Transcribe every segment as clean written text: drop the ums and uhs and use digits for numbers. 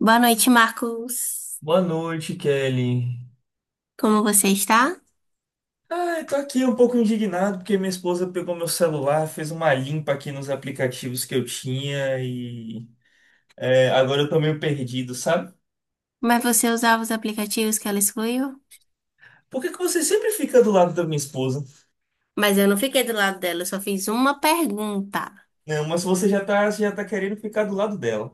Boa noite, Marcos. Boa noite, Kelly. Como você está? Ah, eu tô aqui um pouco indignado porque minha esposa pegou meu celular, fez uma limpa aqui nos aplicativos que eu tinha e agora eu tô meio perdido, sabe? Mas você usava os aplicativos que ela excluiu? Por que que você sempre fica do lado da minha esposa? Mas eu não fiquei do lado dela, eu só fiz uma pergunta. Não, mas você já tá, querendo ficar do lado dela.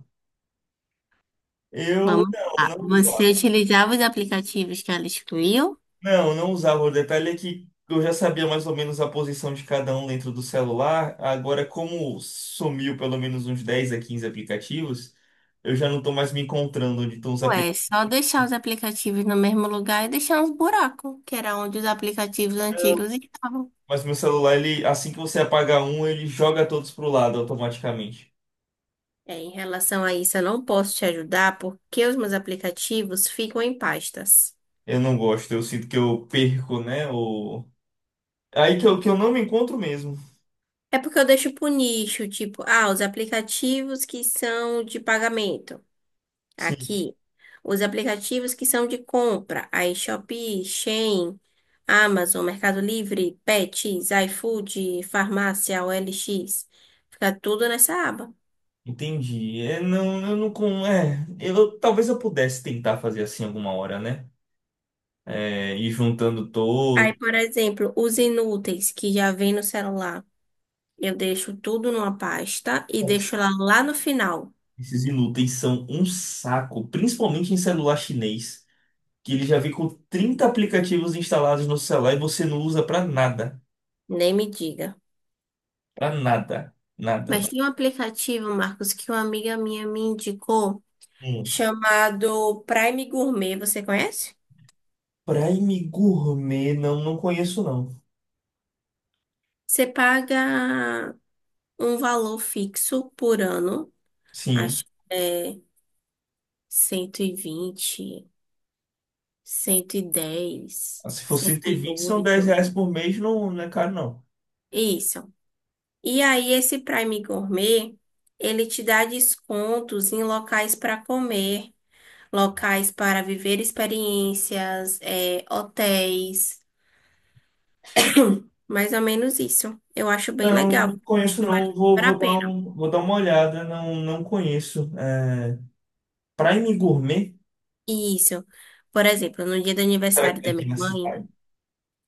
Eu Vamos lá. não, não Você usava. utilizava os aplicativos que ela excluiu? Não, não usava. O detalhe é que eu já sabia mais ou menos a posição de cada um dentro do celular. Agora, como sumiu pelo menos uns 10 a 15 aplicativos, eu já não tô mais me encontrando onde estão os Ué, é aplicativos. só deixar os aplicativos no mesmo lugar e deixar uns buracos, que era onde os aplicativos antigos estavam. Mas meu celular, ele, assim que você apaga um, ele joga todos pro lado automaticamente. É, em relação a isso, eu não posso te ajudar porque os meus aplicativos ficam em pastas. Eu não gosto, eu sinto que eu perco, né? Aí que eu, não me encontro mesmo. É porque eu deixo pro nicho, tipo, ah, os aplicativos que são de pagamento, Sim, aqui. Os aplicativos que são de compra, aí Shopee, Shein, Amazon, Mercado Livre, Pets, iFood, Farmácia, OLX. Fica tudo nessa aba. entendi. Não, eu não com. É, eu, talvez eu pudesse tentar fazer assim alguma hora, né? Ir juntando Aí, todos. por exemplo, os inúteis que já vem no celular. Eu deixo tudo numa pasta e deixo lá, lá no final. Esses inúteis são um saco, principalmente em celular chinês, que ele já vem com 30 aplicativos instalados no celular e você não usa pra nada. Nem me diga. Pra nada. Nada, Mas tem um aplicativo, Marcos, que uma amiga minha me indicou, nada. chamado Prime Gourmet, você conhece? Prime Gourmet, não, não conheço não. Você paga um valor fixo por ano, Sim, acho que é 120, 110, se fosse ter 20 são 10 108. reais por mês, não, não é caro não. Isso. E aí esse Prime Gourmet, ele te dá descontos em locais para comer, locais para viver experiências, é, hotéis, mais ou menos isso. Eu acho bem Não, legal. não Acho conheço que vale não, super a vou dar pena. Uma olhada, não, não conheço. Prime Gourmet? Isso. Por exemplo, no dia do Será que aniversário tem da aqui minha na mãe, cidade?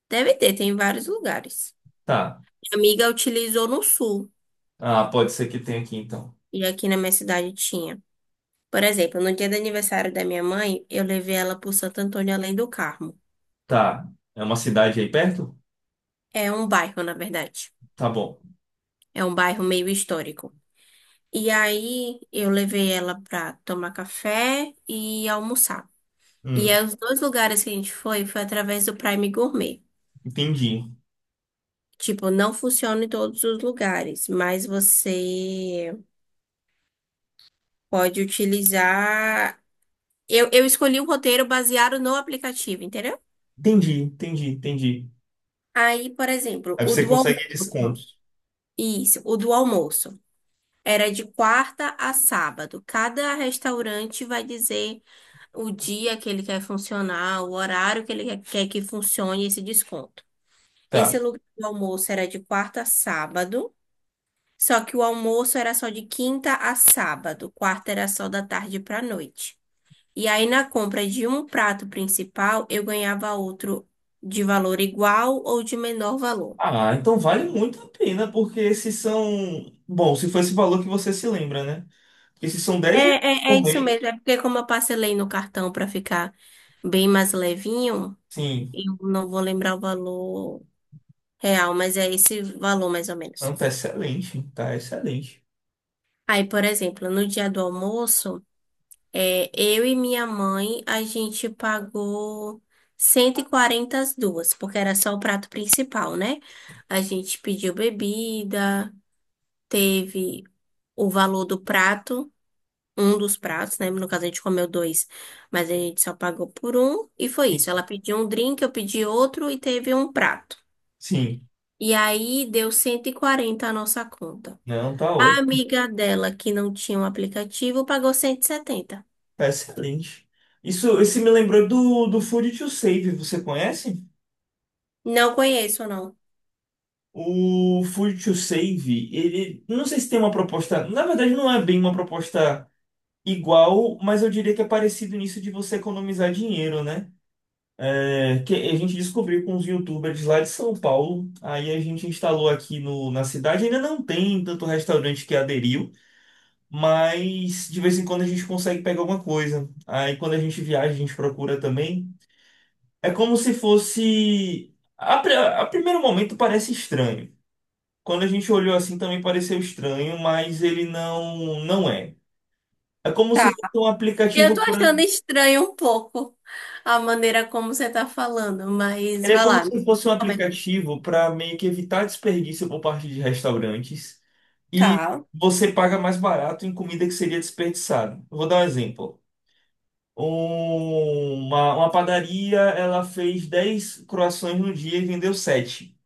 deve ter, tem em vários lugares. Tá, Minha amiga utilizou no sul, ah, pode ser que tenha aqui então. e aqui na minha cidade tinha. Por exemplo, no dia do aniversário da minha mãe, eu levei ela por Santo Antônio Além do Carmo. Tá, é uma cidade aí perto? É um bairro, na verdade. Tá bom. É um bairro meio histórico. E aí eu levei ela pra tomar café e almoçar. E Hum, aí, os dois lugares que a gente foi através do Prime Gourmet. entendi, Tipo, não funciona em todos os lugares, mas você pode utilizar. Eu escolhi um roteiro baseado no aplicativo, entendeu? entendi, entendi, entendi. Aí, por exemplo, Aí o você do almoço. consegue descontos. Isso, o do almoço. Era de quarta a sábado. Cada restaurante vai dizer o dia que ele quer funcionar, o horário que ele quer que funcione esse desconto. Esse Tá. lugar do almoço era de quarta a sábado, só que o almoço era só de quinta a sábado. Quarta era só da tarde para noite. E aí, na compra de um prato principal, eu ganhava outro de valor igual ou de menor valor. Ah, então vale muito a pena, porque esses são. Bom, se foi esse valor que você se lembra, né? Esses são É, R$ 10 é, é por isso mês. mesmo. É porque, como eu parcelei no cartão para ficar bem mais levinho, Sim. eu não vou lembrar o valor real, mas é esse valor mais ou Não, menos. tá excelente. Tá excelente. Aí, por exemplo, no dia do almoço, é, eu e minha mãe, a gente pagou 140 as duas, porque era só o prato principal, né? A gente pediu bebida, teve o valor do prato, um dos pratos, né? No caso, a gente comeu dois, mas a gente só pagou por um. E foi Sim. isso. Ela pediu um drink, eu pedi outro e teve um prato. Sim. E aí deu 140 a nossa conta. Não, tá A ótimo. amiga dela, que não tinha um aplicativo, pagou 170. Tá excelente. Isso, esse me lembrou do, Food to Save. Você conhece? Não conheço, não. O Food to Save, ele. Não sei se tem uma proposta. Na verdade, não é bem uma proposta igual, mas eu diria que é parecido nisso de você economizar dinheiro, né? Que a gente descobriu com os youtubers lá de São Paulo. Aí a gente instalou aqui na cidade. Ainda não tem tanto restaurante que aderiu, mas de vez em quando a gente consegue pegar alguma coisa. Aí quando a gente viaja, a gente procura também. É como se fosse. A primeiro momento parece estranho. Quando a gente olhou assim também pareceu estranho, mas ele não é. É como se Tá. fosse um Eu aplicativo tô para. achando estranho um pouco a maneira como você tá falando, mas Ele é vai como lá. Me se fosse um como é que. aplicativo para meio que evitar desperdício por parte de restaurantes e Tá. você paga mais barato em comida que seria desperdiçada. Eu vou dar um exemplo. Uma padaria, ela fez 10 croações no dia e vendeu sete.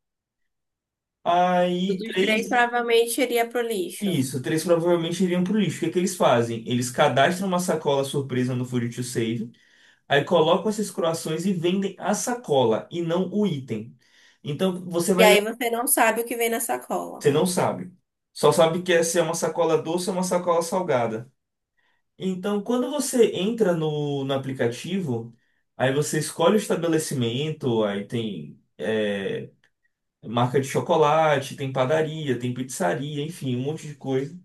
Aí, Os três. três provavelmente iria pro lixo. Isso, três provavelmente iriam pro lixo. O que que eles fazem? Eles cadastram uma sacola surpresa no Food to Save, aí colocam essas croações e vendem a sacola e não o item. Então, E aí você não sabe o que vem na sacola. você não sabe. Só sabe que essa é uma sacola doce ou uma sacola salgada. Então, quando você entra no aplicativo, aí você escolhe o estabelecimento, aí tem marca de chocolate, tem padaria, tem pizzaria, enfim, um monte de coisa.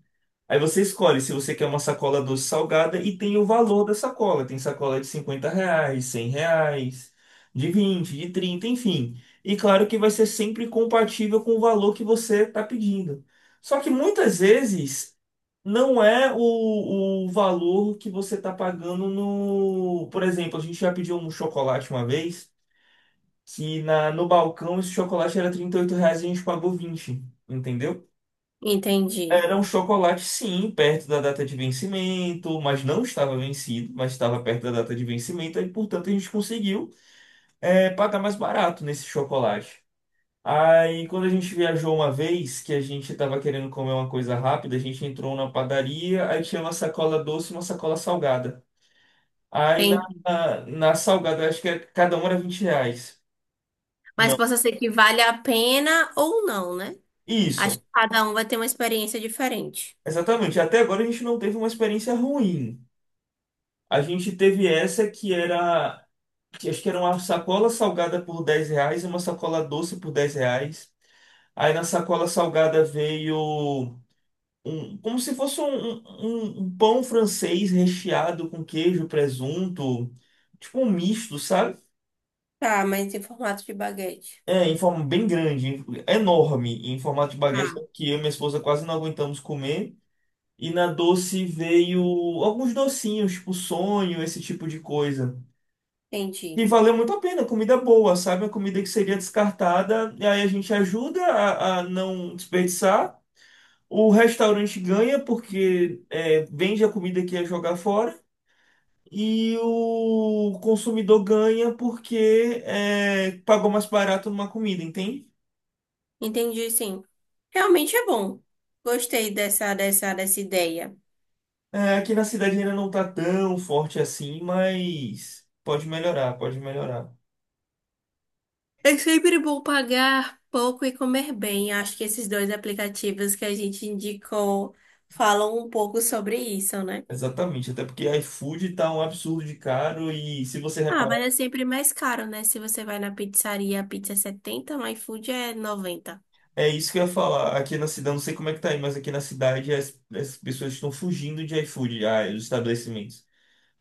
Aí você escolhe se você quer uma sacola doce salgada e tem o valor da sacola. Tem sacola de R$ 50, R$ 100, de 20, de 30, enfim. E claro que vai ser sempre compatível com o valor que você está pedindo. Só que muitas vezes não é o valor que você está pagando no. Por exemplo, a gente já pediu um chocolate uma vez, que no balcão esse chocolate era R$ 38 e a gente pagou 20, entendeu? Entendi, Era um chocolate, sim, perto da data de vencimento, mas não estava vencido, mas estava perto da data de vencimento, e portanto a gente conseguiu pagar mais barato nesse chocolate. Aí, quando a gente viajou uma vez, que a gente tava querendo comer uma coisa rápida, a gente entrou na padaria, aí tinha uma sacola doce e uma sacola salgada. Aí na, entendi. na, na salgada, acho que cada uma era R$ 20. Mas Não. possa ser que vale a pena ou não, né? Acho Isso, que cada um vai ter uma experiência diferente. exatamente. Até agora a gente não teve uma experiência ruim. A gente teve essa que era, que acho que era uma sacola salgada por R$ 10 e uma sacola doce por R$ 10. Aí na sacola salgada veio um- como se fosse um, um- um um pão francês recheado com queijo, presunto, tipo um misto, sabe? Tá, mas em formato de baguete. Em forma bem grande, enorme, em formato de baguete, Ah, que eu e minha esposa quase não aguentamos comer. E na doce veio alguns docinhos, tipo sonho, esse tipo de coisa. E entendi. valeu muito a pena, comida boa, sabe? A comida que seria descartada, e aí a gente ajuda a não desperdiçar. O restaurante ganha porque vende a comida que ia jogar fora. E o consumidor ganha porque pagou mais barato numa comida, entende? Entendi, sim. Realmente é bom. Gostei dessa ideia. Aqui na cidade ainda não tá tão forte assim, mas pode melhorar, pode melhorar. É sempre bom pagar pouco e comer bem. Acho que esses dois aplicativos que a gente indicou falam um pouco sobre isso, né? Exatamente, até porque iFood tá um absurdo de caro e se você Ah, reparar, mas é sempre mais caro, né? Se você vai na pizzaria, a pizza é 70, no iFood é 90. é isso que eu ia falar. Aqui na cidade, não sei como é que tá aí, mas aqui na cidade as pessoas estão fugindo de iFood, os estabelecimentos.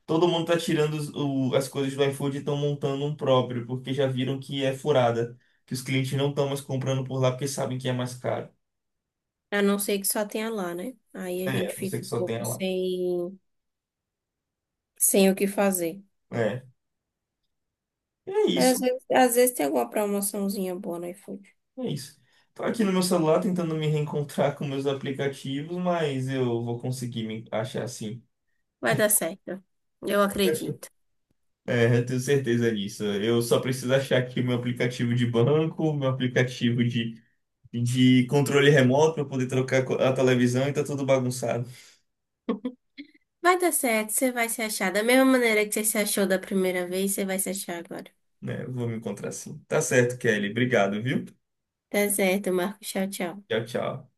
Todo mundo tá tirando as coisas do iFood e estão montando um próprio, porque já viram que é furada, que os clientes não estão mais comprando por lá porque sabem que é mais caro. A não ser que só tenha lá, né? Aí a É, gente você fica que um só pouco tem lá. sem, sem o que fazer. É. É Mas às isso, vezes, às vezes tem alguma promoçãozinha boa no iFood. é isso. Tô aqui no meu celular tentando me reencontrar com meus aplicativos, mas eu vou conseguir me achar assim. Vai dar certo. Eu acredito. É, eu tenho certeza disso. Eu só preciso achar aqui meu aplicativo de banco, meu aplicativo de controle remoto para poder trocar a televisão e tá tudo bagunçado. Vai dar certo, você vai se achar. Da mesma maneira que você se achou da primeira vez, você vai se achar agora. Né? Eu vou me encontrar assim. Tá certo, Kelly. Obrigado, viu? Tá certo, Marco. Tchau, tchau. Tchau, tchau.